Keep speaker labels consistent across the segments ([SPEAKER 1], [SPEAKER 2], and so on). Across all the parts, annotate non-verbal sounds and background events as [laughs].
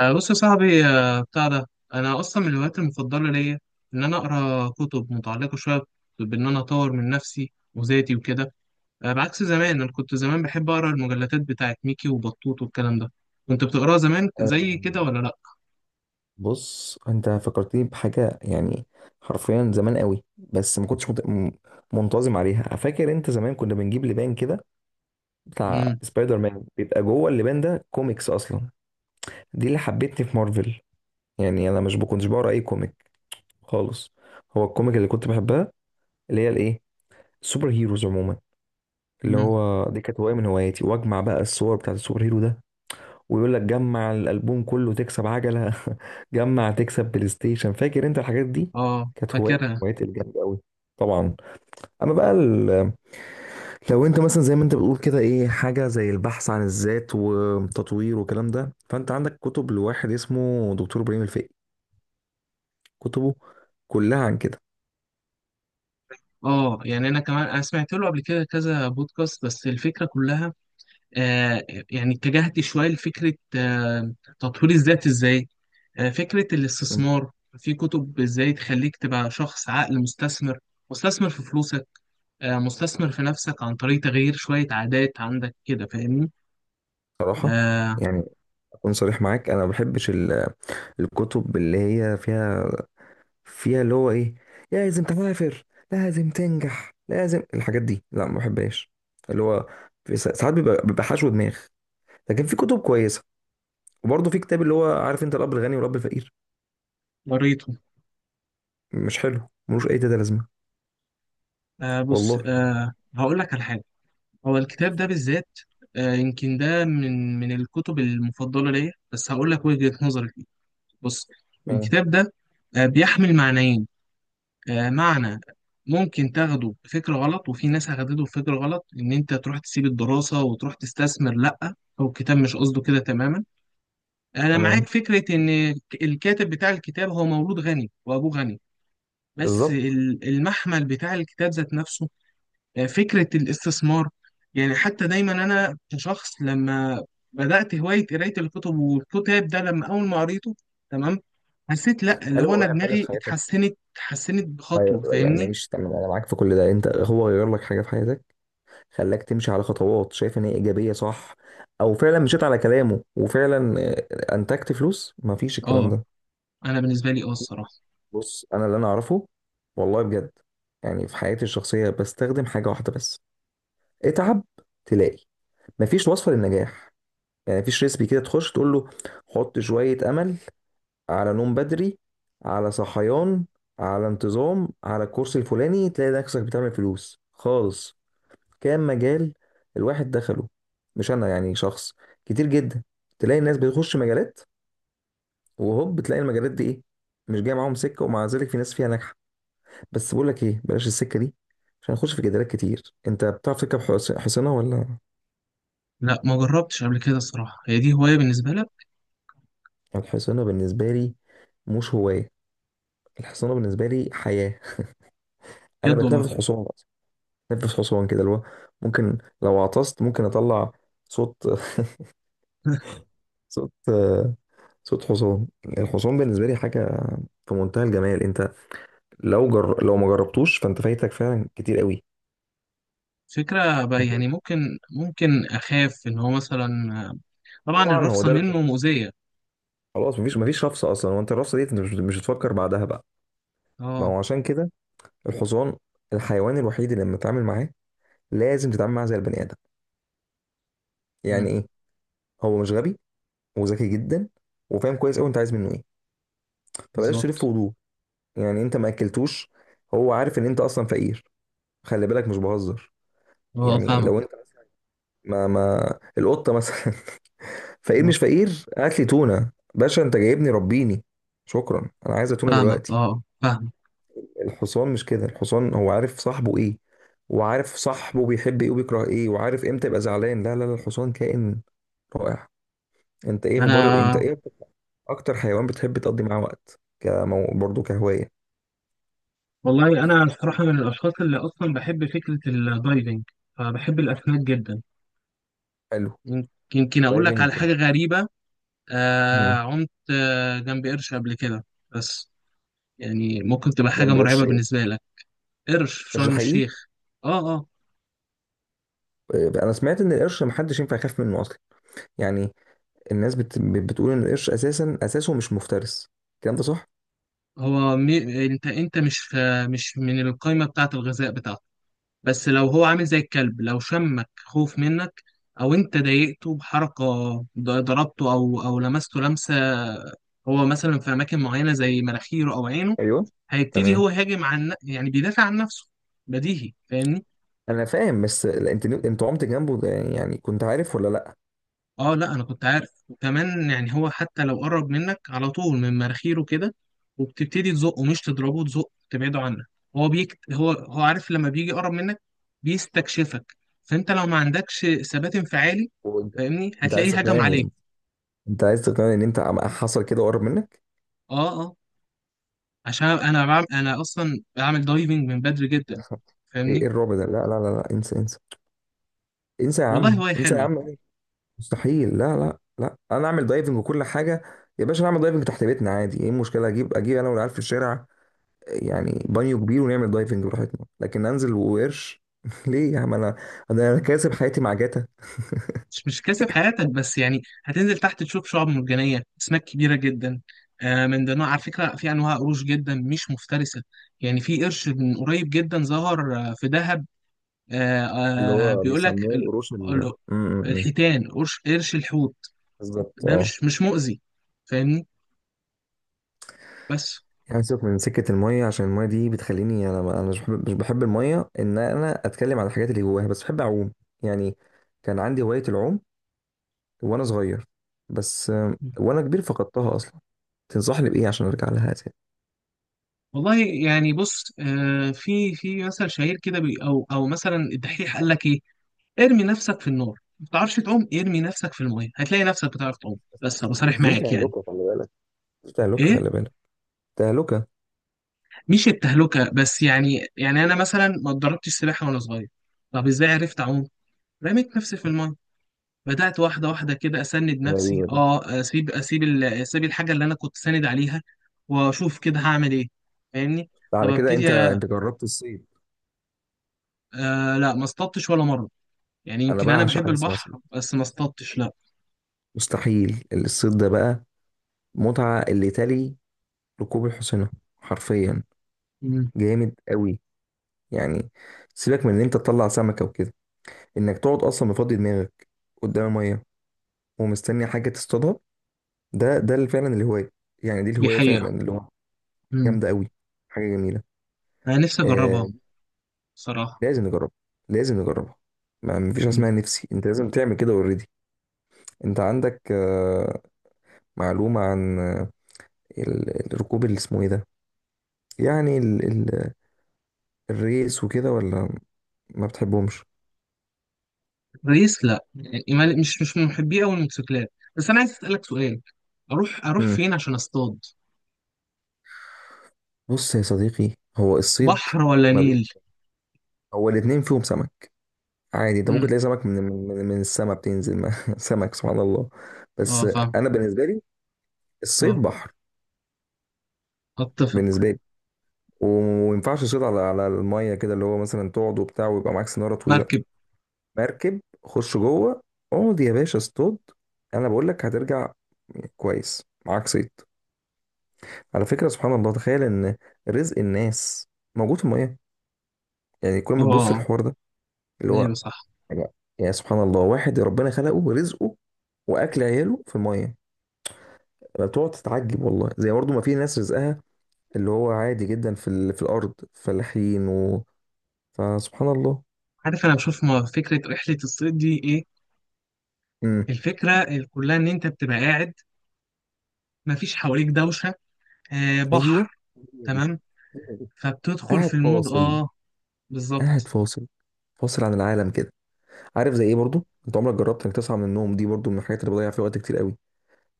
[SPEAKER 1] بص يا صاحبي، بتاع ده. انا اصلا من الهوايات المفضله ليا ان انا اقرا كتب متعلقه شويه بان انا اطور من نفسي وذاتي وكده. بعكس زمان، انا كنت زمان بحب اقرا المجلدات بتاعت ميكي وبطوط والكلام ده. كنت بتقراها زمان زي
[SPEAKER 2] آم،
[SPEAKER 1] كده ولا لا؟
[SPEAKER 2] بص، انت فكرتني بحاجه. يعني حرفيا زمان قوي، بس ما كنتش منتظم عليها. فاكر انت زمان كنا بنجيب لبان كده بتاع
[SPEAKER 1] امم.
[SPEAKER 2] سبايدر مان، بيبقى جوه اللبان ده كوميكس اصلا؟ دي اللي حبتني في مارفل. يعني انا مش كنتش بقرا اي كوميك خالص. هو الكوميك اللي كنت بحبها اللي هي الايه، السوبر هيروز عموما. اللي
[SPEAKER 1] امم.
[SPEAKER 2] هو دي كانت هوايه من هواياتي، واجمع بقى الصور بتاعت السوبر هيرو ده. ويقول لك جمع الالبوم كله تكسب عجله [laughs] جمع تكسب بلاي ستيشن. فاكر انت الحاجات دي؟
[SPEAKER 1] اه،
[SPEAKER 2] كانت هوايه من
[SPEAKER 1] فاكرها.
[SPEAKER 2] الهوايات الجامده قوي. طبعا. اما بقى لو انت مثلا زي ما انت بتقول كده ايه، حاجه زي البحث عن الذات وتطوير والكلام ده، فانت عندك كتب لواحد اسمه دكتور ابراهيم الفقي. كتبه كلها عن كده.
[SPEAKER 1] اه يعني انا كمان انا سمعت له قبل كده كذا بودكاست، بس الفكره كلها آه يعني اتجهت شويه لفكره تطوير الذات ازاي. فكرة الاستثمار في كتب ازاي تخليك تبقى شخص عاقل مستثمر في فلوسك. مستثمر في نفسك عن طريق تغيير شوية عادات عندك كده، فاهمني؟
[SPEAKER 2] بصراحه
[SPEAKER 1] آه،
[SPEAKER 2] يعني، اكون صريح معاك، انا ما بحبش الكتب اللي هي فيها اللي هو ايه، لازم تسافر، لازم تنجح، لازم الحاجات دي. لا، ما بحبهاش. اللي هو في ساعات بيبقى حشو دماغ. لكن في كتب كويسه. وبرضه في كتاب اللي هو، عارف انت، الاب الغني والاب الفقير.
[SPEAKER 1] قريته.
[SPEAKER 2] مش حلو، ملوش اي تلاته لازمه،
[SPEAKER 1] بص،
[SPEAKER 2] والله.
[SPEAKER 1] هقول لك على حاجة. هو الكتاب ده بالذات، يمكن ده من الكتب المفضلة ليا، بس هقول لك وجهة نظري فيه. بص،
[SPEAKER 2] تمام.
[SPEAKER 1] الكتاب ده بيحمل معنيين. معنى ممكن تاخده بفكر غلط، وفي ناس هتاخده بفكر غلط ان انت تروح تسيب الدراسة وتروح تستثمر. لا، هو الكتاب مش قصده كده تماما. انا معاك
[SPEAKER 2] تمام.
[SPEAKER 1] فكرة ان الكاتب بتاع الكتاب هو مولود غني وابوه غني، بس
[SPEAKER 2] بالظبط.
[SPEAKER 1] المحمل بتاع الكتاب ذات نفسه فكرة الاستثمار. يعني حتى دايما انا كشخص، لما بدأت هواية قراية الكتب، والكتاب ده لما اول ما قريته تمام، حسيت، لا، اللي
[SPEAKER 2] هل
[SPEAKER 1] هو
[SPEAKER 2] هو
[SPEAKER 1] انا
[SPEAKER 2] غير حاجة في
[SPEAKER 1] دماغي
[SPEAKER 2] حياتك؟
[SPEAKER 1] اتحسنت
[SPEAKER 2] أيوة،
[SPEAKER 1] بخطوة،
[SPEAKER 2] يعني
[SPEAKER 1] فاهمني؟
[SPEAKER 2] ماشي تمام، أنا معاك في كل ده. أنت، هو غير لك حاجة في حياتك؟ خلاك تمشي على خطوات شايف إن هي إيجابية، صح؟ أو فعلا مشيت على كلامه، وفعلا أنتجت فلوس، مفيش الكلام
[SPEAKER 1] اه،
[SPEAKER 2] ده؟
[SPEAKER 1] انا بالنسبه لي اه الصراحه.
[SPEAKER 2] بص، انا اللي انا اعرفه، والله بجد، يعني في حياتي الشخصيه بستخدم حاجه واحده بس. اتعب، تلاقي. مفيش وصفه للنجاح. يعني مفيش ريسبي كده تخش تقول له حط شويه امل، على نوم بدري، على صحيان، على انتظام، على الكورس الفلاني، تلاقي نفسك بتعمل فلوس خالص. كام مجال الواحد دخله، مش انا يعني شخص، كتير جدا، تلاقي الناس بتخش مجالات وهوب بتلاقي المجالات دي ايه، مش جايه معاهم سكه، ومع ذلك في ناس فيها ناجحه. بس بقول لك ايه، بلاش السكه دي، عشان هنخش في جدالات كتير. انت بتعرف تركب حصانه ولا؟
[SPEAKER 1] لا، ما جربتش قبل كده الصراحه. هي دي هوايه بالنسبه لك؟
[SPEAKER 2] الحصانه بالنسبه لي مش هوايه، الحصانه بالنسبه لي حياه. انا
[SPEAKER 1] بجد والله.
[SPEAKER 2] بتنفس حصان أصلاً. بتنفس حصان كده، اللي هو ممكن لو عطست ممكن اطلع صوت [laughs]
[SPEAKER 1] [laughs]
[SPEAKER 2] صوت صوت حصان. الحصان بالنسبه لي حاجه في منتهى الجمال. انت لو ما جربتوش فانت فايتك فعلا كتير قوي.
[SPEAKER 1] فكره بقى،
[SPEAKER 2] انت،
[SPEAKER 1] يعني ممكن اخاف ان هو مثلا طبعا
[SPEAKER 2] طبعا هو
[SPEAKER 1] الرفصه
[SPEAKER 2] ده
[SPEAKER 1] منه مؤذيه.
[SPEAKER 2] خلاص، مفيش رفسه اصلا، وانت الرفسه دي انت مش هتفكر بعدها بقى. ما
[SPEAKER 1] اه.
[SPEAKER 2] هو عشان كده، الحصان الحيوان الوحيد اللي لما تتعامل معاه لازم تتعامل معاه زي البني ادم. يعني
[SPEAKER 1] مم،
[SPEAKER 2] ايه؟ هو مش غبي، وذكي جدا، وفاهم كويس قوي انت عايز منه ايه. فبلاش تلف
[SPEAKER 1] بالظبط.
[SPEAKER 2] وضوء. يعني انت ما اكلتوش، هو عارف ان انت اصلا فقير. خلي بالك مش بهزر.
[SPEAKER 1] اه،
[SPEAKER 2] يعني لو انت
[SPEAKER 1] فاهمك
[SPEAKER 2] مثلا، ما القطه مثلا [laughs] فقير
[SPEAKER 1] اه
[SPEAKER 2] مش فقير، هات لي تونه باشا، انت جايبني ربيني، شكرا انا عايزه تونه
[SPEAKER 1] فاهمك اه
[SPEAKER 2] دلوقتي.
[SPEAKER 1] آه، فاهمك.
[SPEAKER 2] الحصان مش كده، الحصان هو عارف صاحبه ايه، وعارف صاحبه بيحب ايه وبيكره ايه، وعارف امتى يبقى زعلان. لا لا لا، الحصان كائن رائع. انت، ايه اخبار؟ انت
[SPEAKER 1] انا،
[SPEAKER 2] ايه اكتر حيوان بتحب تقضي معاه وقت برضه كهواية؟
[SPEAKER 1] والله انا الصراحه من الاشخاص اللي اصلا بحب فكره الدايفنج، فبحب الاسماك جدا.
[SPEAKER 2] حلو.
[SPEAKER 1] يمكن يمكن اقول لك
[SPEAKER 2] دايفنج.
[SPEAKER 1] على حاجه غريبه.
[SPEAKER 2] مم.
[SPEAKER 1] عمت جنب قرش قبل كده، بس يعني ممكن تبقى حاجه
[SPEAKER 2] جنب قرش
[SPEAKER 1] مرعبه
[SPEAKER 2] ايه؟
[SPEAKER 1] بالنسبه لك. قرش في
[SPEAKER 2] قرش
[SPEAKER 1] شرم
[SPEAKER 2] حقيقي؟
[SPEAKER 1] الشيخ. اه، اه.
[SPEAKER 2] انا سمعت ان القرش محدش ينفع يخاف منه اصلا. يعني الناس بتقول ان القرش اساسا اساسه مش مفترس، الكلام ده صح؟
[SPEAKER 1] هو انت مش مش من القائمه بتاعه الغذاء بتاعته، بس لو هو عامل زي الكلب، لو شمك خوف منك، او انت ضايقته بحركه، ضربته او لمسته لمسه، هو مثلا في اماكن معينه زي مناخيره او عينه،
[SPEAKER 2] ايوه.
[SPEAKER 1] هيبتدي
[SPEAKER 2] تمام.
[SPEAKER 1] هو يهاجم يعني بيدافع عن نفسه. بديهي، فاهمني.
[SPEAKER 2] انا فاهم، بس لا، انت عمت جنبه ده يعني، كنت عارف ولا لا؟
[SPEAKER 1] اه لا، انا كنت عارف، وكمان يعني هو حتى لو قرب منك على طول من مناخيره كده، وبتبتدي تزقه، مش تضربه، تزقه تبعده عنك. هو بيك، هو عارف لما بيجي يقرب منك، بيستكشفك. فانت لو ما عندكش ثبات انفعالي،
[SPEAKER 2] وانت،
[SPEAKER 1] فاهمني،
[SPEAKER 2] انت عايز
[SPEAKER 1] هتلاقيه هجم
[SPEAKER 2] تقنعني
[SPEAKER 1] عليك.
[SPEAKER 2] انت عايز تقنعني ان انت حصل كده وقرب منك؟
[SPEAKER 1] اه، اه. عشان انا اصلا بعمل دايفنج من بدري
[SPEAKER 2] لا.
[SPEAKER 1] جدا،
[SPEAKER 2] ايه إيه
[SPEAKER 1] فاهمني.
[SPEAKER 2] الرعب ده لا لا لا لا، انسى انسى، انسى يا
[SPEAKER 1] والله
[SPEAKER 2] عم،
[SPEAKER 1] هواية
[SPEAKER 2] انسى يا
[SPEAKER 1] حلوة.
[SPEAKER 2] عم. مستحيل. لا لا لا، انا اعمل دايفنج وكل حاجه؟ يا باشا نعمل دايفنج تحت بيتنا عادي، ايه المشكله؟ اجيب انا والعيال في الشارع، يعني بانيو كبير، ونعمل دايفنج براحتنا. لكن انزل وقرش [laughs] ليه يا عم؟ انا كاسب حياتي مع جاتا.
[SPEAKER 1] مش كاسب حياتك، بس يعني هتنزل تحت تشوف شعاب مرجانية، أسماك كبيرة جدا، من ضمنها على فكرة في أنواع قروش جدا مش مفترسة. يعني في قرش من قريب جدا ظهر، في دهب. آه،
[SPEAKER 2] اللي هو
[SPEAKER 1] بيقول لك
[SPEAKER 2] بيسموه القروش ال-
[SPEAKER 1] ال-
[SPEAKER 2] م- م- م.
[SPEAKER 1] الحيتان، قرش الحوت
[SPEAKER 2] بالظبط،
[SPEAKER 1] ده
[SPEAKER 2] اه.
[SPEAKER 1] مش مؤذي، فاهمني. بس
[SPEAKER 2] يعني سيبك من سكة المية، عشان المية دي بتخليني، أنا مش بحب المية، إن أنا أتكلم عن الحاجات اللي جواها، بس بحب أعوم. يعني كان عندي هواية العوم وأنا صغير، بس وأنا كبير فقدتها أصلا. تنصحني بإيه عشان أرجع لها تاني؟
[SPEAKER 1] والله يعني، بص، في مثل شهير كده، او مثلا الدحيح قال لك ايه؟ ارمي نفسك في النار. ما بتعرفش تعوم؟ ارمي نفسك في الميه هتلاقي نفسك بتعرف تعوم، بس ابقى صريح
[SPEAKER 2] بس دي
[SPEAKER 1] معاك يعني.
[SPEAKER 2] تهلكة، خلي بالك. دي تهلكة،
[SPEAKER 1] ايه؟
[SPEAKER 2] خلي بالك. تهلكة.
[SPEAKER 1] مش التهلكه، بس يعني انا مثلا ما اتدربتش سباحه وانا صغير. طب ازاي عرفت اعوم؟ رميت نفسي في الميه، بدات واحده واحده كده اسند نفسي،
[SPEAKER 2] غريبة دي.
[SPEAKER 1] اه، اسيب الحاجه اللي انا كنت ساند عليها، واشوف كده هعمل ايه، فاهمني. طب،
[SPEAKER 2] على كده أنت
[SPEAKER 1] ابتدي.
[SPEAKER 2] أنت جربت الصيد؟
[SPEAKER 1] آه، لا، ما اصطدتش ولا مره. يعني
[SPEAKER 2] أنا
[SPEAKER 1] يمكن انا
[SPEAKER 2] بعشق
[SPEAKER 1] بحب
[SPEAKER 2] حاجة اسمها صيد،
[SPEAKER 1] البحر، بس ما اصطدتش، لا.
[SPEAKER 2] مستحيل. الصيد ده بقى متعة اللي تلي ركوب الحصينة، حرفيا
[SPEAKER 1] مم.
[SPEAKER 2] جامد قوي. يعني سيبك من ان انت تطلع سمكة وكده، انك تقعد اصلا مفضي دماغك قدام المية ومستني حاجة تصطادها، ده اللي فعلا الهواية. يعني دي
[SPEAKER 1] دي
[SPEAKER 2] الهواية
[SPEAKER 1] حقيقه.
[SPEAKER 2] فعلا، اللي هو
[SPEAKER 1] مم.
[SPEAKER 2] جامدة قوي. حاجة جميلة.
[SPEAKER 1] انا نفسي اجربها،
[SPEAKER 2] آه
[SPEAKER 1] صراحه.
[SPEAKER 2] لازم نجربها، لازم نجربها. ما مفيش حاجة اسمها نفسي، انت لازم تعمل كده اوريدي. انت عندك معلومة عن الركوب اللي اسمه ايه ده؟ يعني ال ال الريس وكده، ولا ما بتحبهمش؟
[SPEAKER 1] رئيس؟ لا يعني مش من محبي أوي الموتوسيكلات. بس أنا عايز أسألك سؤال، أروح
[SPEAKER 2] مم.
[SPEAKER 1] فين عشان أصطاد؟
[SPEAKER 2] بص يا صديقي، هو الصيد،
[SPEAKER 1] بحر ولا
[SPEAKER 2] ما بي...
[SPEAKER 1] نيل؟
[SPEAKER 2] هو الاتنين فيهم سمك عادي، انت ممكن
[SPEAKER 1] امم.
[SPEAKER 2] تلاقي سمك من السما بتنزل ما. [laughs] سمك، سبحان الله. بس
[SPEAKER 1] اه، فاهم.
[SPEAKER 2] انا بالنسبه لي الصيد
[SPEAKER 1] اه،
[SPEAKER 2] بحر.
[SPEAKER 1] أتفق.
[SPEAKER 2] بالنسبه لي، وما ينفعش تصيد على الميه كده، اللي هو مثلا تقعد وبتاع ويبقى معاك سناره طويله.
[SPEAKER 1] مركب.
[SPEAKER 2] مركب، خش جوه، اقعد يا باشا اصطاد. انا بقول لك هترجع كويس معاك صيد. على فكره، سبحان الله، تخيل ان رزق الناس موجود في الميه. يعني كل
[SPEAKER 1] اه،
[SPEAKER 2] ما تبص
[SPEAKER 1] آه.
[SPEAKER 2] الحوار ده اللي هو،
[SPEAKER 1] أيوه، صح.
[SPEAKER 2] يا سبحان الله، واحد ربنا خلقه رزقه واكل عياله في الميه. انا بتقعد تتعجب والله، زي برضه ما في ناس رزقها اللي هو عادي جدا في الارض، فلاحين و... فسبحان الله.
[SPEAKER 1] عارف أنا بشوف ما فكرة رحلة الصيد دي إيه؟
[SPEAKER 2] امم.
[SPEAKER 1] الفكرة كلها إن أنت بتبقى قاعد، مفيش حواليك دوشة، آه،
[SPEAKER 2] ايوه،
[SPEAKER 1] بحر.
[SPEAKER 2] هي دي.
[SPEAKER 1] تمام.
[SPEAKER 2] هي دي.
[SPEAKER 1] فبتدخل في
[SPEAKER 2] قاعد
[SPEAKER 1] المود،
[SPEAKER 2] فاصل.
[SPEAKER 1] اه.
[SPEAKER 2] قاعد
[SPEAKER 1] بالظبط.
[SPEAKER 2] فاصل، فاصل عن العالم كده. عارف زي ايه برضه؟ انت عمرك جربت انك تصحى من النوم، دي برضه من الحاجات اللي بضيع فيها وقت كتير قوي،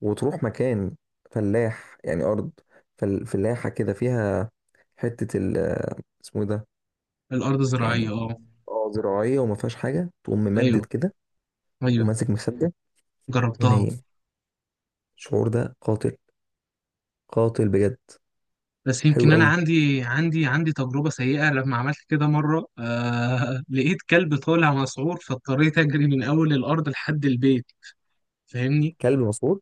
[SPEAKER 2] وتروح مكان فلاح، يعني ارض فلاحه كده، فيها حته اسمه إيه ده،
[SPEAKER 1] الأرض زراعية،
[SPEAKER 2] يعني
[SPEAKER 1] اه.
[SPEAKER 2] اه زراعيه، وما فيهاش حاجه، تقوم ممدد
[SPEAKER 1] أيوه،
[SPEAKER 2] كده
[SPEAKER 1] أيوه،
[SPEAKER 2] وماسك مخده
[SPEAKER 1] جربتها.
[SPEAKER 2] ونايم. الشعور ده قاتل، قاتل بجد.
[SPEAKER 1] بس
[SPEAKER 2] حلو
[SPEAKER 1] يمكن انا
[SPEAKER 2] قوي.
[SPEAKER 1] عندي تجربه سيئه. لما عملت كده مره، [laughs] لقيت كلب طالع مسعور، فاضطريت اجري من اول الارض لحد البيت، فاهمني.
[SPEAKER 2] كلب مسعور.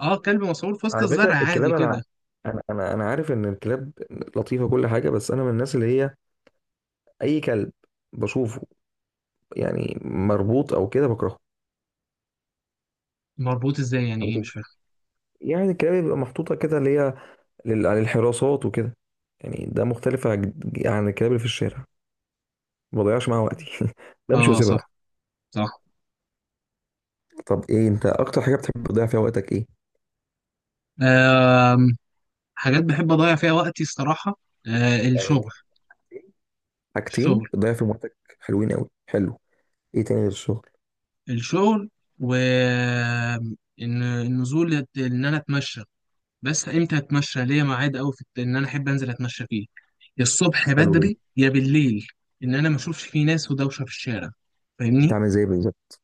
[SPEAKER 1] اه، كلب مسعور في وسط
[SPEAKER 2] على
[SPEAKER 1] الزرع
[SPEAKER 2] فكره
[SPEAKER 1] عادي
[SPEAKER 2] الكلاب، انا
[SPEAKER 1] كده.
[SPEAKER 2] أنا عارف ان الكلاب لطيفه كل حاجه، بس انا من الناس اللي هي اي كلب بشوفه يعني مربوط او كده بكرهه
[SPEAKER 1] مربوط ازاي يعني
[SPEAKER 2] على
[SPEAKER 1] ايه؟ مش
[SPEAKER 2] طول.
[SPEAKER 1] فاهم.
[SPEAKER 2] يعني الكلاب بيبقى محطوطه كده اللي هي للحراسات وكده، يعني ده مختلف عن الكلاب اللي في الشارع، ما بضيعش معاها وقتي [laughs] بمشي
[SPEAKER 1] اه،
[SPEAKER 2] واسيبها.
[SPEAKER 1] صح، صح.
[SPEAKER 2] طب ايه انت اكتر حاجه بتحب تضيع فيها وقتك ايه؟
[SPEAKER 1] آه، حاجات بحب اضيع فيها وقتي الصراحه، آه،
[SPEAKER 2] يعني دي
[SPEAKER 1] الشغل.
[SPEAKER 2] حاجتين
[SPEAKER 1] الشغل.
[SPEAKER 2] بتضيع فيهم وقتك، حلوين قوي، حلو. ايه تاني غير الشغل؟
[SPEAKER 1] الشغل. و النزول، ان انا اتمشى. بس امتى اتمشى؟ ليا ميعاد قوي في ان انا احب انزل اتمشى فيه، يا الصبح
[SPEAKER 2] حلو جدا.
[SPEAKER 1] بدري يا بالليل، ان انا ما اشوفش فيه ناس ودوشه في الشارع،
[SPEAKER 2] انت
[SPEAKER 1] فاهمني.
[SPEAKER 2] عامل زي بالظبط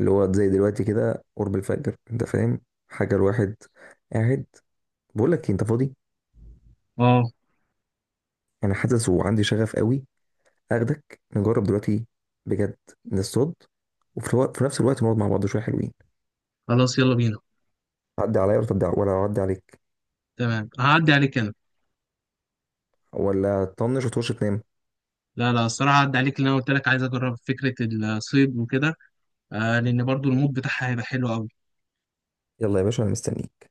[SPEAKER 2] اللي هو زي دلوقتي كده، قرب الفجر، انت فاهم، حاجه الواحد قاعد. بقول لك إيه، انت فاضي؟
[SPEAKER 1] اه.
[SPEAKER 2] انا حاسس وعندي شغف قوي اخدك نجرب دلوقتي بجد، نصطاد، وفي في نفس الوقت نقعد مع بعض شويه، حلوين.
[SPEAKER 1] خلاص، يلا بينا.
[SPEAKER 2] تعدي عليا ولا تعدي، ولا اعدي عليك،
[SPEAKER 1] تمام، هعدي عليك انا.
[SPEAKER 2] ولا تطنش وتخش تنام؟
[SPEAKER 1] لا، لا، الصراحه هعدي عليك، لان انا قلت لك عايز اجرب فكره الصيد وكده. لان برضو المود بتاعها هيبقى حلو قوي.
[SPEAKER 2] يلا يا باشا، انا مستنيك.